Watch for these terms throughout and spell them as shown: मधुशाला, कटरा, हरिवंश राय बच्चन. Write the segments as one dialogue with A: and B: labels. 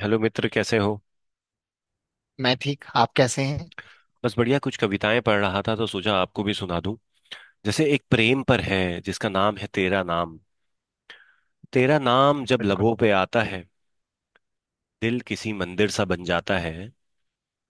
A: Hello मित्र, कैसे हो।
B: मैं ठीक। आप कैसे हैं।
A: बस बढ़िया, कुछ कविताएं पढ़ रहा था तो सोचा आपको भी सुना दूं। जैसे एक प्रेम पर है, जिसका नाम है तेरा नाम। तेरा नाम जब
B: बिल्कुल।
A: लबों पे आता है, दिल किसी मंदिर सा बन जाता है।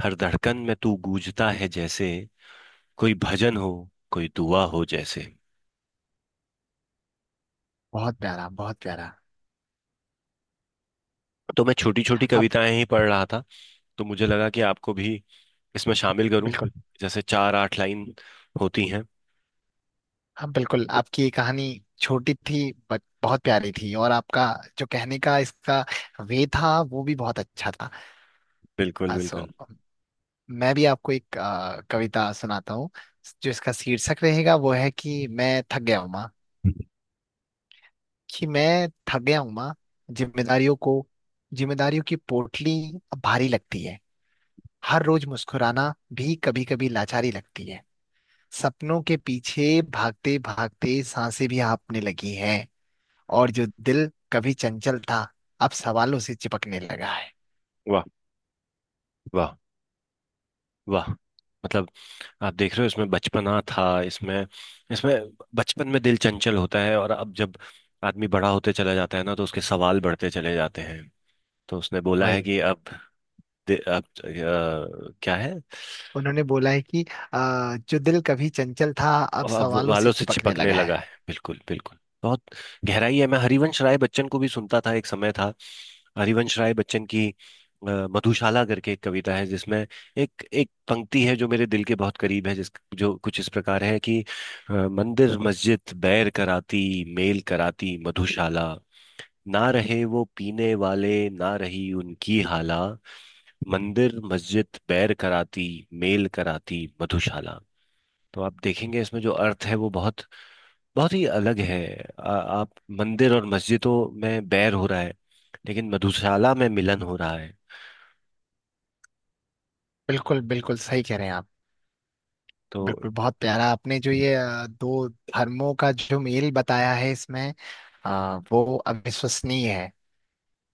A: हर धड़कन में तू गूंजता है जैसे कोई भजन हो, कोई दुआ हो जैसे।
B: बहुत प्यारा, बहुत प्यारा।
A: तो मैं छोटी छोटी
B: आप
A: कविताएं ही पढ़ रहा था, तो मुझे लगा कि आपको भी इसमें शामिल करूं।
B: बिल्कुल।
A: जैसे चार आठ लाइन होती हैं।
B: हाँ बिल्कुल, आपकी ये कहानी छोटी थी बट बहुत प्यारी थी, और आपका जो कहने का इसका वे था वो भी बहुत अच्छा था।
A: बिल्कुल
B: सो
A: बिल्कुल।
B: मैं भी आपको एक कविता सुनाता हूँ। जो इसका शीर्षक रहेगा वो है कि मैं थक गया हूँ माँ। कि मैं थक गया हूँ माँ। जिम्मेदारियों को, जिम्मेदारियों की पोटली अब भारी लगती है। हर रोज मुस्कुराना भी कभी कभी लाचारी लगती है। सपनों के पीछे भागते भागते सांसें भी हाँफने लगी हैं। और जो दिल कभी चंचल था, अब सवालों से चिपकने लगा है।
A: वाह, वाह, वाह। मतलब, आप देख रहे हो, इसमें बचपना था। इसमें इसमें बचपन में दिल चंचल होता है, और अब जब आदमी बड़ा होते चला जाता है ना तो उसके सवाल बढ़ते चले जाते हैं। तो उसने बोला है
B: वही।
A: कि अब अब क्या है।
B: उन्होंने बोला है कि जो दिल कभी चंचल था अब
A: और अब
B: सवालों से
A: बालों से
B: चिपकने
A: चिपकने
B: लगा है।
A: लगा है, बिल्कुल बिल्कुल। बहुत गहराई है। मैं हरिवंश राय बच्चन को भी सुनता था, एक समय था। हरिवंश राय बच्चन की अ, मधुशाला करके एक कविता है, जिसमें एक एक पंक्ति है जो मेरे दिल के बहुत करीब है, जिस जो कुछ इस प्रकार है कि मंदिर मस्जिद बैर कराती, मेल कराती मधुशाला। ना रहे वो पीने वाले, ना रही उनकी हाला। मंदिर मस्जिद बैर कराती, मेल कराती मधुशाला। तो आप देखेंगे इसमें जो अर्थ है वो बहुत बहुत ही अलग है। आप, मंदिर और मस्जिदों में बैर हो रहा है, लेकिन मधुशाला में मिलन हो रहा है।
B: बिल्कुल बिल्कुल, सही कह रहे हैं आप।
A: तो
B: बिल्कुल बहुत प्यारा, आपने जो ये दो धर्मों का जो मेल बताया है इसमें, वो अविश्वसनीय है।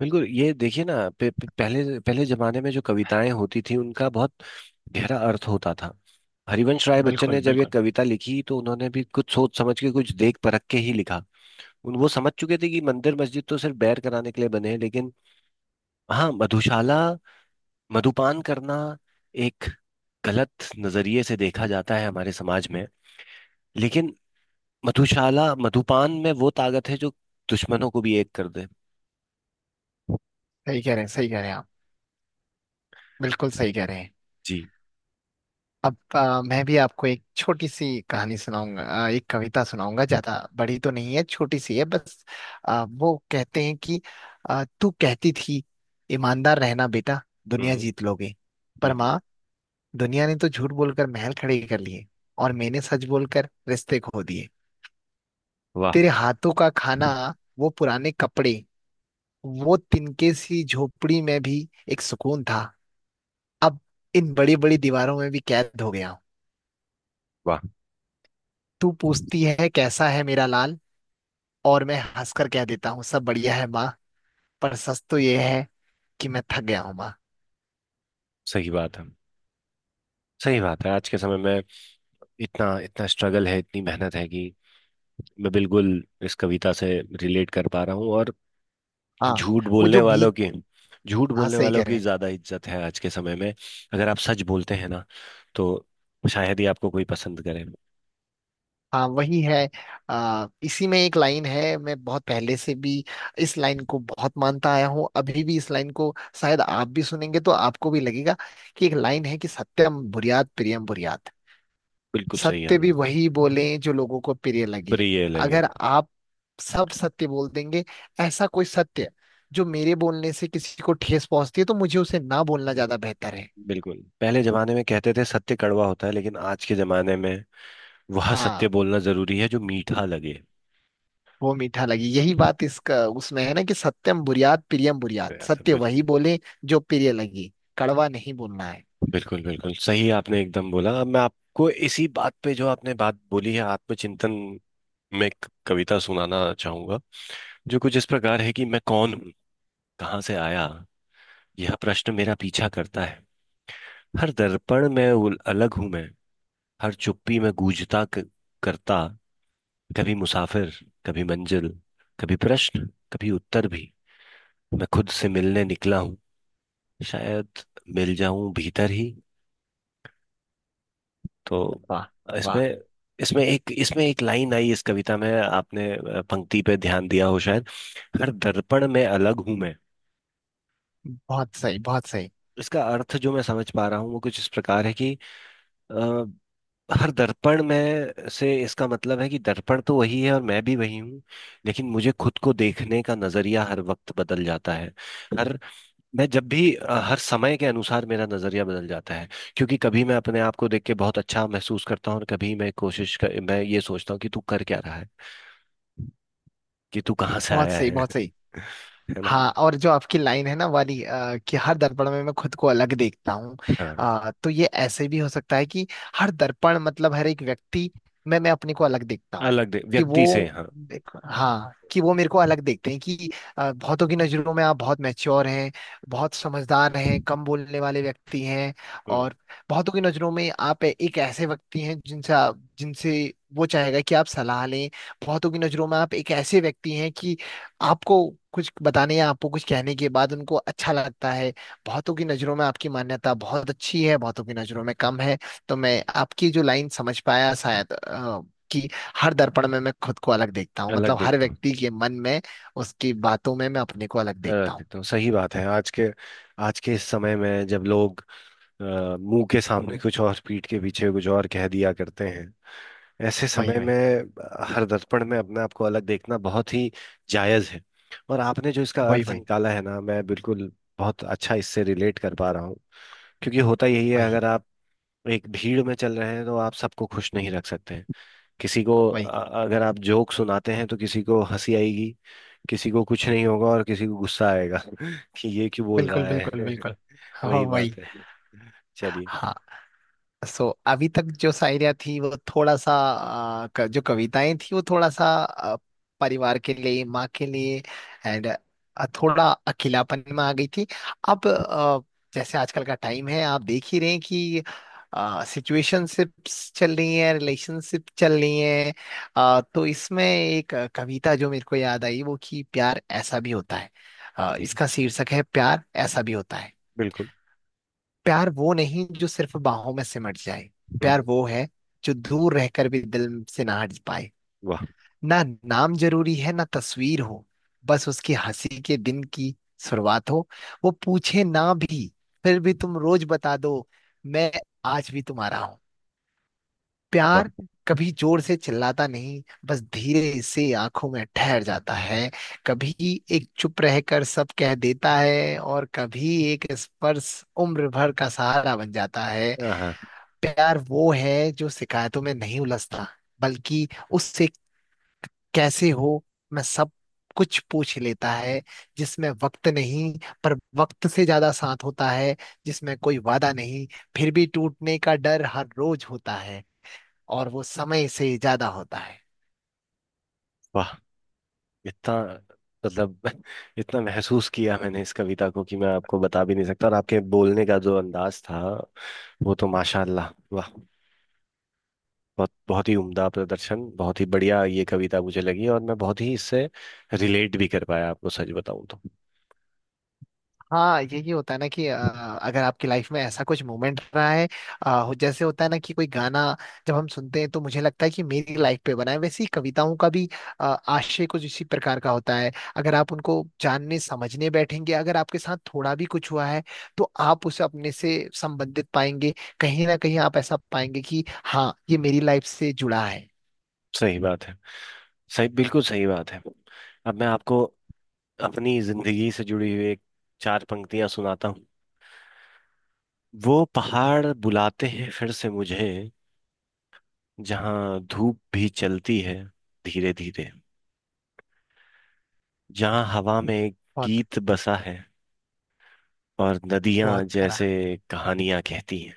A: बिल्कुल, ये देखिए ना, पे, पे, पहले पहले जमाने में जो कविताएं होती थी उनका बहुत गहरा अर्थ होता था। हरिवंश राय बच्चन ने
B: बिल्कुल
A: जब ये
B: बिल्कुल,
A: कविता लिखी, तो उन्होंने भी कुछ सोच समझ के, कुछ देख परख के ही लिखा। उन वो समझ चुके थे कि मंदिर मस्जिद तो सिर्फ बैर कराने के लिए बने हैं, लेकिन हाँ, मधुशाला, मधुपान करना एक गलत नजरिए से देखा जाता है हमारे समाज में, लेकिन मधुशाला मधुपान में वो ताकत है जो दुश्मनों को भी एक कर दे।
B: सही कह रहे हैं। सही कह रहे हैं आप। बिल्कुल सही कह रहे हैं।
A: जी।
B: अब मैं भी आपको एक छोटी सी कहानी सुनाऊंगा, एक कविता सुनाऊंगा। ज्यादा बड़ी तो नहीं है, छोटी सी है बस। वो कहते हैं कि तू कहती थी ईमानदार रहना बेटा, दुनिया
A: हम्म
B: जीत लोगे।
A: हम्म
B: पर
A: हम्म।
B: माँ, दुनिया ने तो झूठ बोलकर महल खड़े कर लिए, और मैंने सच बोलकर रिश्ते खो दिए।
A: वाह,
B: तेरे हाथों का खाना, वो पुराने कपड़े, वो तिनके सी झोपड़ी में भी एक सुकून था। अब इन बड़ी बड़ी दीवारों में भी कैद हो गया हूँ।
A: वाह।
B: तू पूछती है कैसा है मेरा लाल, और मैं हंसकर कह देता हूँ सब बढ़िया है माँ। पर सच तो ये है कि मैं थक गया हूँ माँ।
A: सही बात है। सही बात है, आज के समय में इतना इतना स्ट्रगल है, इतनी मेहनत है कि मैं बिल्कुल इस कविता से रिलेट कर पा रहा हूँ। और
B: हाँ,
A: झूठ
B: वो
A: बोलने
B: जो
A: वालों
B: बीच।
A: की झूठ
B: हाँ
A: बोलने
B: सही
A: वालों
B: कह रहे
A: की
B: हैं।
A: ज्यादा इज्जत है आज के समय में। अगर आप सच बोलते हैं ना, तो शायद ही आपको कोई पसंद करे।
B: हाँ वही है। इसी में एक लाइन है। मैं बहुत पहले से भी इस लाइन को बहुत मानता आया हूँ, अभी भी इस लाइन को शायद आप भी सुनेंगे तो आपको भी लगेगा। कि एक लाइन है कि सत्यम बुर्यात प्रियम बुर्यात।
A: बिल्कुल सही है,
B: सत्य भी
A: हमने।
B: वही बोले जो लोगों को प्रिय लगे।
A: प्रिय लगे।
B: अगर आप सब सत्य बोल देंगे, ऐसा कोई सत्य जो मेरे बोलने से किसी को ठेस पहुंचती है, तो मुझे उसे ना बोलना ज्यादा बेहतर है।
A: बिल्कुल, पहले जमाने में कहते थे सत्य कड़वा होता है, लेकिन आज के जमाने में वह सत्य
B: हाँ,
A: बोलना जरूरी है जो मीठा लगे।
B: वो मीठा लगे। यही बात इसका उसमें है ना, कि सत्यम बुर्यात प्रियम
A: तो
B: बुर्यात।
A: यार, तो
B: सत्य वही
A: बिल्कुल।
B: बोले जो प्रिय लगे। कड़वा नहीं बोलना है।
A: बिल्कुल बिल्कुल सही आपने एकदम बोला। अब मैं आपको इसी बात पे, जो आपने बात बोली है आत्मचिंतन, में एक कविता सुनाना चाहूंगा, जो कुछ इस प्रकार है कि मैं कौन हूँ, कहाँ से आया। यह प्रश्न मेरा पीछा करता है। हर दर्पण में उल- अलग हूं मैं। हर चुप्पी में गूंजता क- करता। कभी मुसाफिर, कभी मंजिल, कभी प्रश्न, कभी उत्तर भी। मैं खुद से मिलने निकला हूँ, शायद मिल जाऊं भीतर ही। तो
B: वाह वाह।
A: इसमें इसमें एक, इसमें एक लाइन आई इस कविता में, आपने पंक्ति पे ध्यान दिया हो शायद। हर दर्पण में अलग हूं मैं।
B: बहुत सही, बहुत सही।
A: इसका अर्थ जो मैं समझ पा रहा हूँ वो कुछ इस प्रकार है कि अ, हर दर्पण में से, इसका मतलब है कि दर्पण तो वही है और मैं भी वही हूँ, लेकिन मुझे खुद को देखने का नजरिया हर वक्त बदल जाता है। हर मैं जब भी अ, हर समय के अनुसार मेरा नजरिया बदल जाता है, क्योंकि कभी मैं अपने आप को देख के बहुत अच्छा महसूस करता हूँ, और कभी मैं कोशिश कर, मैं ये सोचता हूँ कि तू कर क्या रहा है, कि तू कहाँ से
B: बहुत
A: आया
B: सही,
A: है।
B: बहुत सही।
A: है ना।
B: हाँ, और जो आपकी लाइन है ना वाली, कि हर दर्पण में मैं खुद को अलग देखता हूँ।
A: हाँ,
B: तो ये ऐसे भी हो सकता है कि हर दर्पण मतलब हर एक व्यक्ति में मैं अपने को अलग देखता हूँ।
A: अलग दे
B: कि
A: व्यक्ति से,
B: वो
A: हाँ।
B: देखो, हाँ, कि वो मेरे को अलग देखते हैं। कि बहुतों की नजरों में आप बहुत मैच्योर हैं, बहुत समझदार हैं, कम बोलने वाले व्यक्ति हैं।
A: हम्म,
B: और बहुतों की नजरों में आप एक ऐसे व्यक्ति हैं जिनसे जिनसे वो चाहेगा कि आप सलाह लें। बहुतों की नजरों में आप एक ऐसे व्यक्ति हैं कि आपको कुछ बताने या आपको कुछ कहने के बाद उनको अच्छा लगता है। बहुतों की नजरों में आपकी मान्यता बहुत अच्छी है, बहुतों की नजरों में कम है। तो मैं आपकी जो लाइन समझ पाया शायद, कि हर दर्पण में मैं खुद को अलग देखता हूँ
A: अलग
B: मतलब हर
A: देखता हूँ।
B: व्यक्ति के मन में, उसकी बातों में मैं अपने को अलग देखता
A: अलग
B: हूँ।
A: देखता हूँ, सही बात है। आज के, आज के इस समय में जब लोग अ, मुंह के सामने कुछ और, पीठ के पीछे कुछ और कह दिया करते हैं, ऐसे
B: वही,
A: समय में
B: वही।
A: हर दर्पण में अपने आप को अलग देखना बहुत ही जायज है। और आपने जो इसका
B: वही,
A: अर्थ
B: वही।
A: निकाला है ना, मैं बिल्कुल बहुत अच्छा इससे रिलेट कर पा रहा हूँ, क्योंकि होता यही है,
B: वही,
A: अगर आप एक भीड़ में चल रहे हैं तो आप सबको खुश नहीं रख सकते हैं। किसी को
B: वही।
A: अगर आप जोक सुनाते हैं, तो किसी को हंसी आएगी, किसी को कुछ नहीं होगा, और किसी को गुस्सा आएगा कि ये क्यों बोल
B: बिल्कुल
A: रहा
B: बिल्कुल
A: है।
B: बिल्कुल। हाँ,
A: वही
B: वही।
A: बात है। चलिए।
B: हाँ। अभी तक जो शायरिया थी वो थोड़ा सा, जो कविताएं थी वो थोड़ा सा परिवार के लिए, माँ के लिए एंड थोड़ा अकेलापन में आ गई थी। अब जैसे आजकल का टाइम है आप देख ही रहे हैं कि सिचुएशनशिप्स चल रही हैं, रिलेशनशिप चल रही हैं। तो इसमें एक कविता जो मेरे को याद आई वो कि प्यार ऐसा भी होता है।
A: जी,
B: इसका शीर्षक है प्यार ऐसा भी होता है।
A: बिल्कुल।
B: प्यार वो नहीं जो सिर्फ बाहों में सिमट जाए। प्यार
A: हम्म,
B: वो है जो दूर रहकर भी दिल से ना हट पाए।
A: वाह,
B: ना नाम जरूरी है, ना तस्वीर हो। बस उसकी हंसी के दिन की शुरुआत हो। वो पूछे ना भी, फिर भी तुम रोज बता दो, मैं आज भी तुम्हारा हूं।
A: वाह।
B: प्यार कभी जोर से चिल्लाता नहीं, बस धीरे से आंखों में ठहर जाता है। कभी एक चुप रहकर सब कह देता है, और कभी एक स्पर्श उम्र भर का सहारा बन जाता है।
A: हाँ, हाँ,
B: प्यार वो है जो शिकायतों में नहीं उलझता, बल्कि उससे कैसे हो, मैं सब कुछ पूछ लेता है। जिसमें वक्त नहीं, पर वक्त से ज्यादा साथ होता है। जिसमें कोई वादा नहीं, फिर भी टूटने का डर हर रोज होता है। और वो समय से ज्यादा होता है।
A: वाह। इतना, मतलब, इतना महसूस किया मैंने इस कविता को कि मैं आपको बता भी नहीं सकता। और आपके बोलने का जो अंदाज था, वो तो माशाल्लाह, वाह, बहुत बहुत ही उम्दा प्रदर्शन। बहुत ही बढ़िया ये कविता मुझे लगी, और मैं बहुत ही इससे रिलेट भी कर पाया आपको, सच बताऊं तो।
B: हाँ, यही होता है ना कि अगर आपकी लाइफ में ऐसा कुछ मोमेंट रहा है, जैसे होता है ना कि कोई गाना जब हम सुनते हैं तो मुझे लगता है कि मेरी लाइफ पे बना है। वैसे ही कविताओं का भी आशय कुछ इसी प्रकार का होता है। अगर आप उनको जानने समझने बैठेंगे, अगर आपके साथ थोड़ा भी कुछ हुआ है, तो आप उसे अपने से संबंधित पाएंगे। कहीं ना कहीं आप ऐसा पाएंगे कि हाँ ये मेरी लाइफ से जुड़ा है।
A: सही बात है। सही, बिल्कुल सही बात है। अब मैं आपको अपनी जिंदगी से जुड़ी हुई एक, चार पंक्तियां सुनाता हूँ। वो पहाड़ बुलाते हैं फिर से मुझे, जहाँ धूप भी चलती है धीरे धीरे। जहाँ हवा में एक
B: बहुत
A: गीत बसा है, और नदियां
B: बहुत प्यारा।
A: जैसे कहानियां कहती हैं।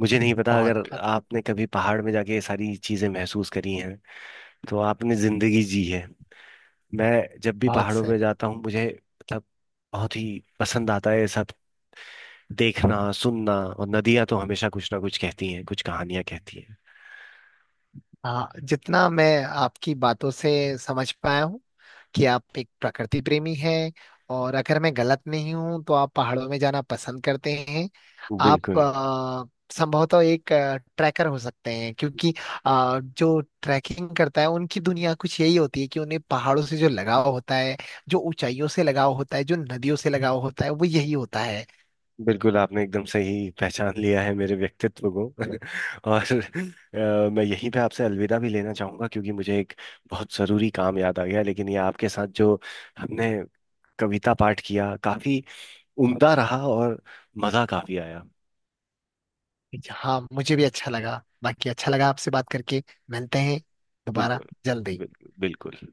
A: मुझे नहीं पता
B: बहुत
A: अगर
B: प्यारा।
A: आपने कभी पहाड़ में जाके ये सारी चीजें महसूस करी हैं, तो आपने जिंदगी जी है। मैं जब भी
B: बहुत
A: पहाड़ों
B: सही।
A: में जाता हूँ, मुझे मतलब बहुत ही पसंद आता है ये सब देखना सुनना, और नदियां तो हमेशा कुछ ना कुछ कहती हैं, कुछ कहानियां कहती हैं।
B: हाँ, जितना मैं आपकी बातों से समझ पाया हूँ कि आप एक प्रकृति प्रेमी हैं, और अगर मैं गलत नहीं हूं तो आप पहाड़ों में जाना पसंद करते हैं। आप
A: बिल्कुल
B: संभवतः एक ट्रैकर हो सकते हैं, क्योंकि जो ट्रैकिंग करता है उनकी दुनिया कुछ यही होती है कि उन्हें पहाड़ों से जो लगाव होता है, जो ऊंचाइयों से लगाव होता है, जो नदियों से लगाव होता है, वो यही होता है।
A: बिल्कुल, आपने एकदम सही पहचान लिया है मेरे व्यक्तित्व को। और मैं यहीं पे आपसे अलविदा भी लेना चाहूंगा, क्योंकि मुझे एक बहुत ज़रूरी काम याद आ गया। लेकिन ये आपके साथ जो हमने कविता पाठ किया, काफ़ी उम्दा रहा, और मज़ा काफ़ी आया।
B: हाँ, मुझे भी अच्छा लगा। बाकी अच्छा लगा आपसे बात करके। मिलते हैं दोबारा,
A: बिल्कुल
B: जल्दी।
A: बिल्कुल बिल्कुल।